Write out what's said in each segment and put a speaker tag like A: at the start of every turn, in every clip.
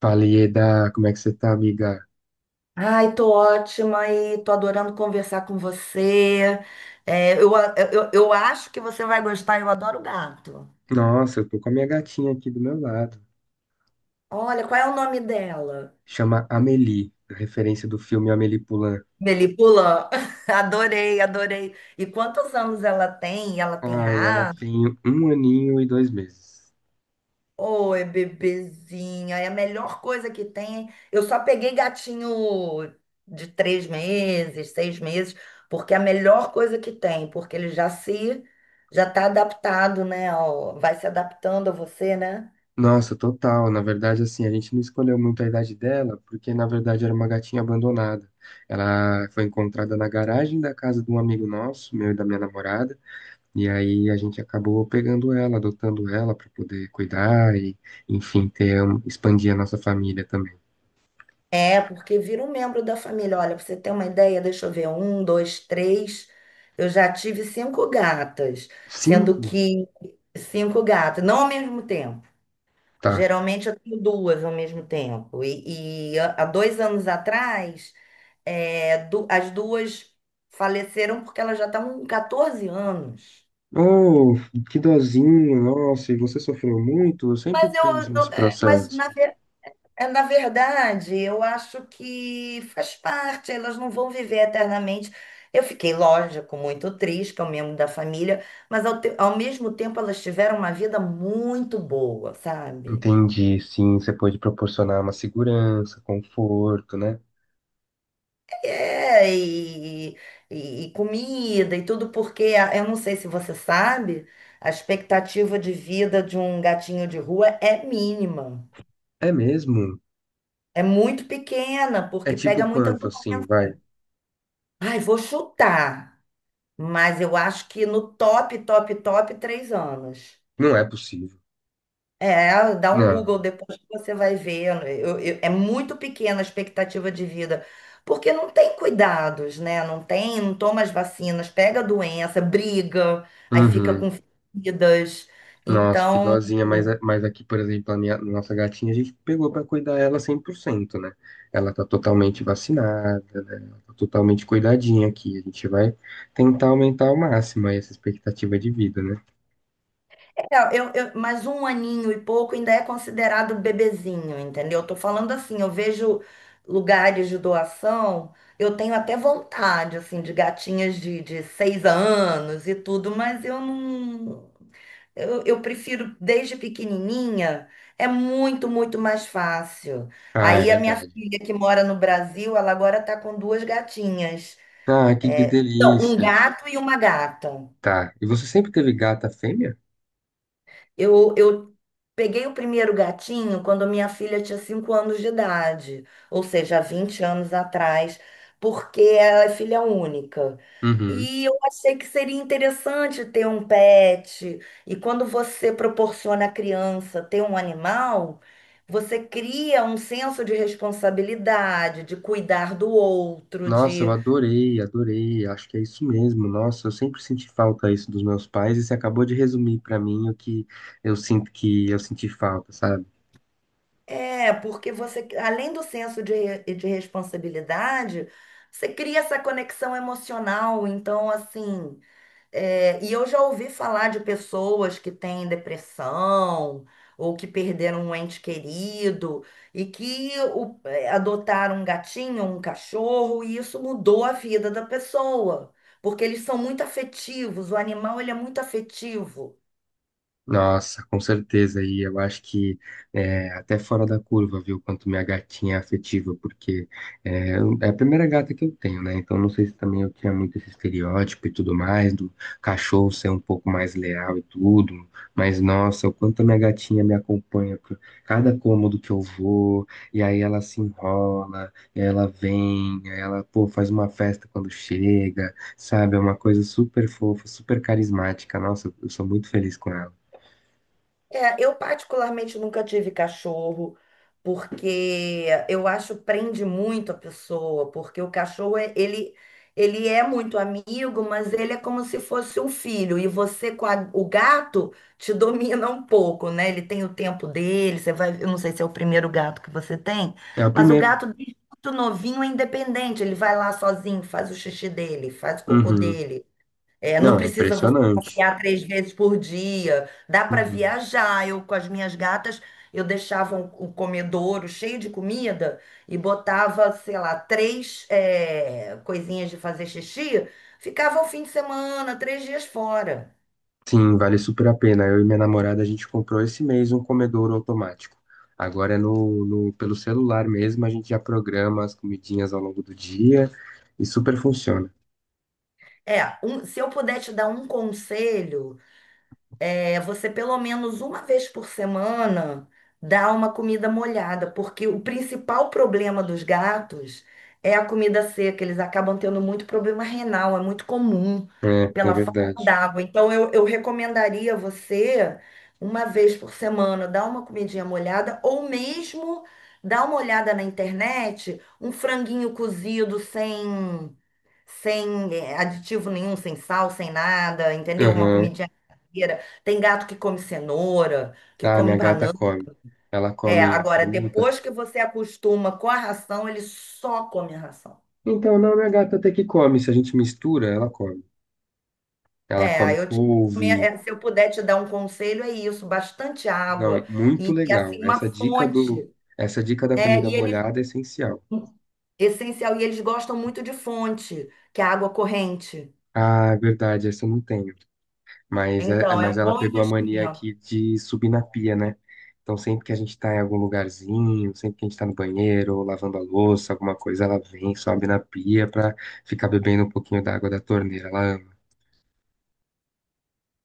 A: Falei, Eda, como é que você tá, amiga?
B: Ai, tô ótima e tô adorando conversar com você. Eu acho que você vai gostar, eu adoro gato.
A: Nossa, eu tô com a minha gatinha aqui do meu lado.
B: Olha, qual é o nome dela?
A: Chama Amélie, a referência do filme Amélie Poulain.
B: Melipula? Adorei, adorei. E quantos anos ela tem? Ela tem
A: Ai, ela
B: raça?
A: tem um aninho e 2 meses.
B: Oi, bebezinha, é a melhor coisa que tem. Eu só peguei gatinho de três meses, seis meses, porque é a melhor coisa que tem, porque ele já se, já tá adaptado, né? Vai se adaptando a você, né?
A: Nossa, total. Na verdade, assim, a gente não escolheu muito a idade dela, porque na verdade era uma gatinha abandonada. Ela foi encontrada na garagem da casa de um amigo nosso, meu e da minha namorada. E aí a gente acabou pegando ela, adotando ela para poder cuidar e, enfim, ter, expandir a nossa família também.
B: É, porque vira um membro da família. Olha, pra você ter uma ideia, deixa eu ver, um, dois, três. Eu já tive cinco gatas, sendo
A: Cinco?
B: que cinco gatas, não ao mesmo tempo.
A: Tá.
B: Geralmente eu tenho duas ao mesmo tempo. E há dois anos atrás, as duas faleceram porque elas já estavam com 14 anos.
A: Oh, que dozinho, nossa, e você sofreu muito? Eu sempre
B: Mas
A: penso nesse
B: eu- é, mas na,
A: processo.
B: ver- é, na verdade, eu acho que faz parte, elas não vão viver eternamente. Eu fiquei, lógico, muito triste, que é um membro da família, mas ao mesmo tempo elas tiveram uma vida muito boa, sabe?
A: Entendi, sim, você pode proporcionar uma segurança, conforto, né?
B: É, e, e comida e tudo, porque eu não sei se você sabe, a expectativa de vida de um gatinho de rua é mínima.
A: É mesmo?
B: É muito pequena,
A: É
B: porque
A: tipo
B: pega muita
A: quanto, assim,
B: doença.
A: vai?
B: Ai, vou chutar, mas eu acho que no top, top, top, três anos.
A: Não é possível.
B: É, dá um
A: Não.
B: Google depois que você vai ver. É muito pequena a expectativa de vida, porque não tem cuidados, né? Não tem, não toma as vacinas, pega a doença, briga, aí fica
A: Uhum.
B: com feridas.
A: Nossa, que
B: Então,
A: dozinha, mas, mas aqui, por exemplo, nossa gatinha, a gente pegou pra cuidar ela 100%, né? Ela tá totalmente vacinada, né? Ela tá totalmente cuidadinha aqui. A gente vai tentar aumentar ao máximo aí essa expectativa de vida, né?
B: é, eu, eu, mas um aninho e pouco ainda é considerado bebezinho, entendeu? Eu tô falando assim, eu vejo lugares de doação, eu tenho até vontade, assim, de gatinhas de seis anos e tudo, mas eu não. Eu prefiro desde pequenininha, muito mais fácil.
A: Ah, é
B: Aí a minha
A: verdade.
B: filha que mora no Brasil, ela agora está com duas gatinhas.
A: Ah, que
B: É, então, um
A: delícia.
B: gato e uma gata.
A: Tá. E você sempre teve gata fêmea?
B: Eu peguei o primeiro gatinho quando minha filha tinha 5 anos de idade, ou seja, há 20 anos atrás, porque ela é filha única.
A: Uhum.
B: E eu achei que seria interessante ter um pet. E quando você proporciona à criança ter um animal, você cria um senso de responsabilidade, de cuidar do outro,
A: Nossa, eu
B: de.
A: adorei, adorei. Acho que é isso mesmo. Nossa, eu sempre senti falta isso dos meus pais e você acabou de resumir pra mim o que eu sinto que eu senti falta, sabe?
B: É, porque você, além do senso de responsabilidade, você cria essa conexão emocional. Então, assim, é, e eu já ouvi falar de pessoas que têm depressão ou que perderam um ente querido e que adotaram um gatinho, um cachorro, e isso mudou a vida da pessoa. Porque eles são muito afetivos, o animal ele é muito afetivo.
A: Nossa, com certeza. E eu acho que é, até fora da curva, viu, quanto minha gatinha é afetiva, porque é, é a primeira gata que eu tenho, né? Então não sei se também eu tinha muito esse estereótipo e tudo mais, do cachorro ser um pouco mais leal e tudo. Mas nossa, o quanto a minha gatinha me acompanha por cada cômodo que eu vou, e aí ela se enrola, e aí ela vem, e aí ela, pô, faz uma festa quando chega, sabe? É uma coisa super fofa, super carismática. Nossa, eu sou muito feliz com ela.
B: É, eu particularmente nunca tive cachorro, porque eu acho prende muito a pessoa, porque o cachorro ele é muito amigo, mas ele é como se fosse um filho, e você o gato te domina um pouco, né? Ele tem o tempo dele, você vai, eu não sei se é o primeiro gato que você tem,
A: É o
B: mas o
A: primeiro.
B: gato desde muito novinho é independente, ele vai lá sozinho, faz o xixi dele, faz o cocô
A: Uhum.
B: dele. É, não
A: Não, é
B: precisa você
A: impressionante.
B: passear três vezes por dia. Dá para
A: Uhum.
B: viajar. Eu, com as minhas gatas, eu deixava um comedouro cheio de comida e botava, sei lá, três, é, coisinhas de fazer xixi. Ficava o fim de semana, três dias fora.
A: Sim, vale super a pena. Eu e minha namorada, a gente comprou esse mês um comedouro automático. Agora é pelo celular mesmo, a gente já programa as comidinhas ao longo do dia e super funciona.
B: Se eu puder te dar um conselho, é, você pelo menos uma vez por semana dá uma comida molhada, porque o principal problema dos gatos é a comida seca. Eles acabam tendo muito problema renal, é muito comum
A: É, é
B: pela falta
A: verdade.
B: d'água. Então, eu recomendaria você uma vez por semana dar uma comidinha molhada ou mesmo dar uma olhada na internet, um franguinho cozido sem aditivo nenhum, sem sal, sem nada, entendeu? Uma
A: Aham.
B: comidinha caseira. Tem gato que come cenoura, que
A: Ah, minha
B: come
A: gata
B: banana.
A: come. Ela
B: É,
A: come
B: agora,
A: fruta.
B: depois que você acostuma com a ração, ele só come a ração.
A: Então, não, minha gata até que come. Se a gente mistura, ela come. Ela
B: É,
A: come
B: aí eu te,
A: couve.
B: é, se eu puder te dar um conselho, é isso, bastante
A: Não,
B: água
A: muito
B: e,
A: legal.
B: assim, uma fonte.
A: Essa dica da
B: É,
A: comida
B: e eles,
A: molhada é essencial.
B: essencial, e eles gostam muito de fonte, que é água corrente.
A: Ah, é verdade, essa eu não tenho. Mas, é, é,
B: Então, é
A: mas
B: um
A: ela
B: bom
A: pegou a mania
B: investimento.
A: aqui de subir na pia, né? Então sempre que a gente tá em algum lugarzinho, sempre que a gente tá no banheiro, ou lavando a louça, alguma coisa, ela vem, sobe na pia pra ficar bebendo um pouquinho da água da torneira. Ela ama.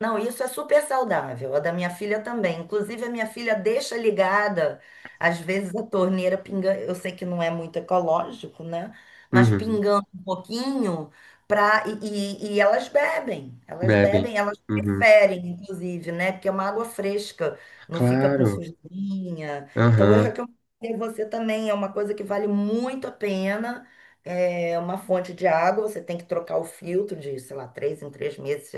B: Não, isso é super saudável. A da minha filha também. Inclusive, a minha filha deixa ligada, às vezes, a torneira pingando. Eu sei que não é muito ecológico, né? Mas
A: Uhum.
B: pingando um pouquinho pra... e elas bebem. Elas
A: Bebem.
B: bebem, elas
A: Uhum.
B: preferem, inclusive, né? Porque é uma água fresca, não fica com
A: Claro.
B: sujeirinha. Então, eu
A: Aham.
B: recomendo a você também. É uma coisa que vale muito a pena. É uma fonte de água, você tem que trocar o filtro de, sei lá, três em três meses,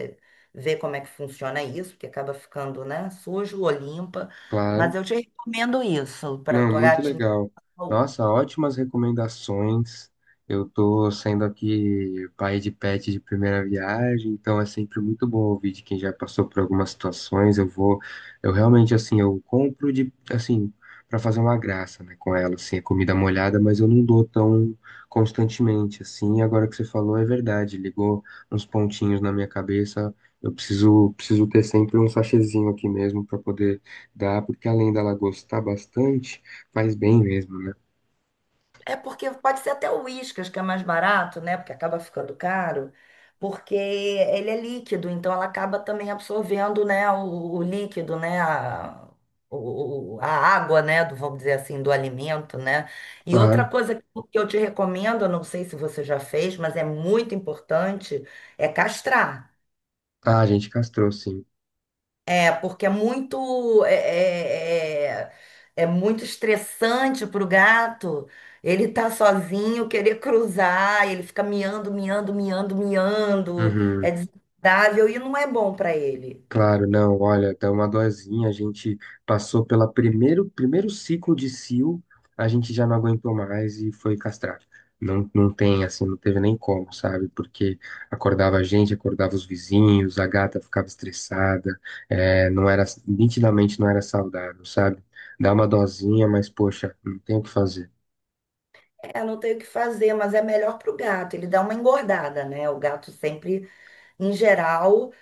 B: ver como é que funciona isso, porque acaba ficando, né, sujo ou limpa.
A: Claro.
B: Mas eu te recomendo isso para
A: Não,
B: tua
A: muito
B: gatinha.
A: legal. Nossa, ótimas recomendações. Eu tô sendo aqui pai de pet de primeira viagem, então é sempre muito bom ouvir de quem já passou por algumas situações. Eu vou, eu realmente assim, eu compro de assim para fazer uma graça, né, com ela, assim, a comida molhada, mas eu não dou tão constantemente assim. Agora que você falou, é verdade, ligou uns pontinhos na minha cabeça. Eu preciso ter sempre um sachêzinho aqui mesmo para poder dá, porque além dela gostar bastante, faz bem mesmo, né?
B: É porque pode ser até o Whiskas, que é mais barato, né? Porque acaba ficando caro, porque ele é líquido, então ela acaba também absorvendo, né, o líquido, né, a água, né, do, vamos dizer assim, do alimento, né? E outra
A: Claro.
B: coisa que eu te recomendo, eu não sei se você já fez, mas é muito importante, é castrar.
A: Ah, a gente castrou, sim.
B: É, porque é muito é, é, é- é muito estressante para o gato. Ele tá sozinho, querer cruzar, ele fica miando, miando, miando, miando. É
A: Uhum.
B: desagradável e não é bom para ele.
A: Claro, não, olha, dá uma dorzinha. A gente passou pelo primeiro ciclo de cio, a gente já não aguentou mais e foi castrar. Não, não tem, assim, não teve nem como, sabe? Porque acordava a gente, acordava os vizinhos, a gata ficava estressada, é, não era, nitidamente não era saudável, sabe? Dá uma dosinha, mas poxa, não tem o que fazer.
B: É, não tem o que fazer, mas é melhor para o gato. Ele dá uma engordada, né? O gato sempre, em geral,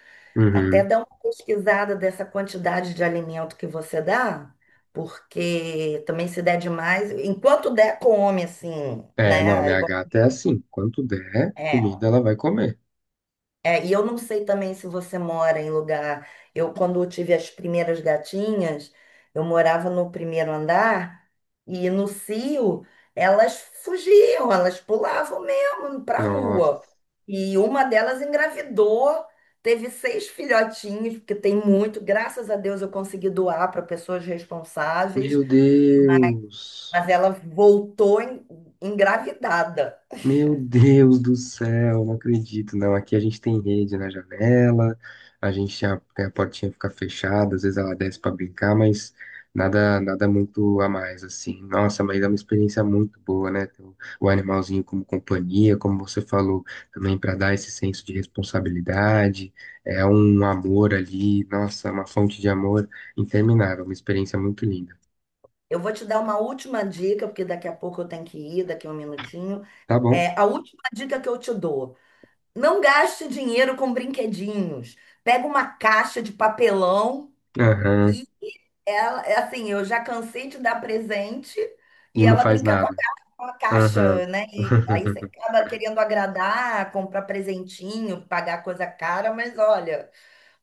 B: até
A: Uhum.
B: dá uma pesquisada dessa quantidade de alimento que você dá, porque também se der demais, enquanto der, come, assim,
A: É, não,
B: né?
A: minha gata é assim. Quando der
B: É,
A: comida, ela vai comer.
B: e eu não sei também se você mora em lugar. Eu, quando eu tive as primeiras gatinhas, eu morava no primeiro andar e no cio elas fugiam, elas pulavam mesmo pra
A: Nossa.
B: rua. E uma delas engravidou, teve seis filhotinhos, porque tem muito. Graças a Deus eu consegui doar para pessoas responsáveis,
A: Meu Deus.
B: mas ela voltou engravidada.
A: Meu Deus do céu, não acredito, não. Aqui a gente tem rede na janela, a portinha fica fechada, às vezes ela desce pra brincar, mas nada nada muito a mais assim. Nossa, mas é uma experiência muito boa, né? Ter o animalzinho como companhia, como você falou, também para dar esse senso de responsabilidade, é um amor ali, nossa, uma fonte de amor interminável, uma experiência muito linda.
B: Eu vou te dar uma última dica, porque daqui a pouco eu tenho que ir, daqui a um minutinho.
A: Tá bom?
B: É, a última dica que eu te dou: não gaste dinheiro com brinquedinhos. Pega uma caixa de papelão
A: Aham.
B: e ela, é assim, eu já cansei de dar presente
A: E
B: e
A: não
B: ela
A: faz
B: brincar
A: nada.
B: com a
A: Aham.
B: caixa, né? E aí você acaba querendo agradar, comprar presentinho, pagar coisa cara, mas olha,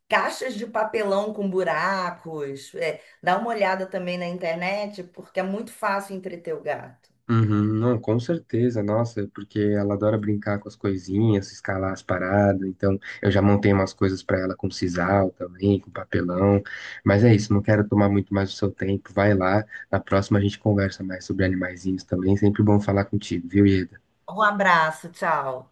B: caixas de papelão com buracos, é, dá uma olhada também na internet, porque é muito fácil entreter o gato.
A: Uhum, não, com certeza, nossa, porque ela adora brincar com as coisinhas, escalar as paradas, então eu já montei umas coisas pra ela com sisal também, com papelão, mas é isso, não quero tomar muito mais o seu tempo, vai lá, na próxima a gente conversa mais sobre animaizinhos também, sempre bom falar contigo, viu, Ieda?
B: Um abraço, tchau.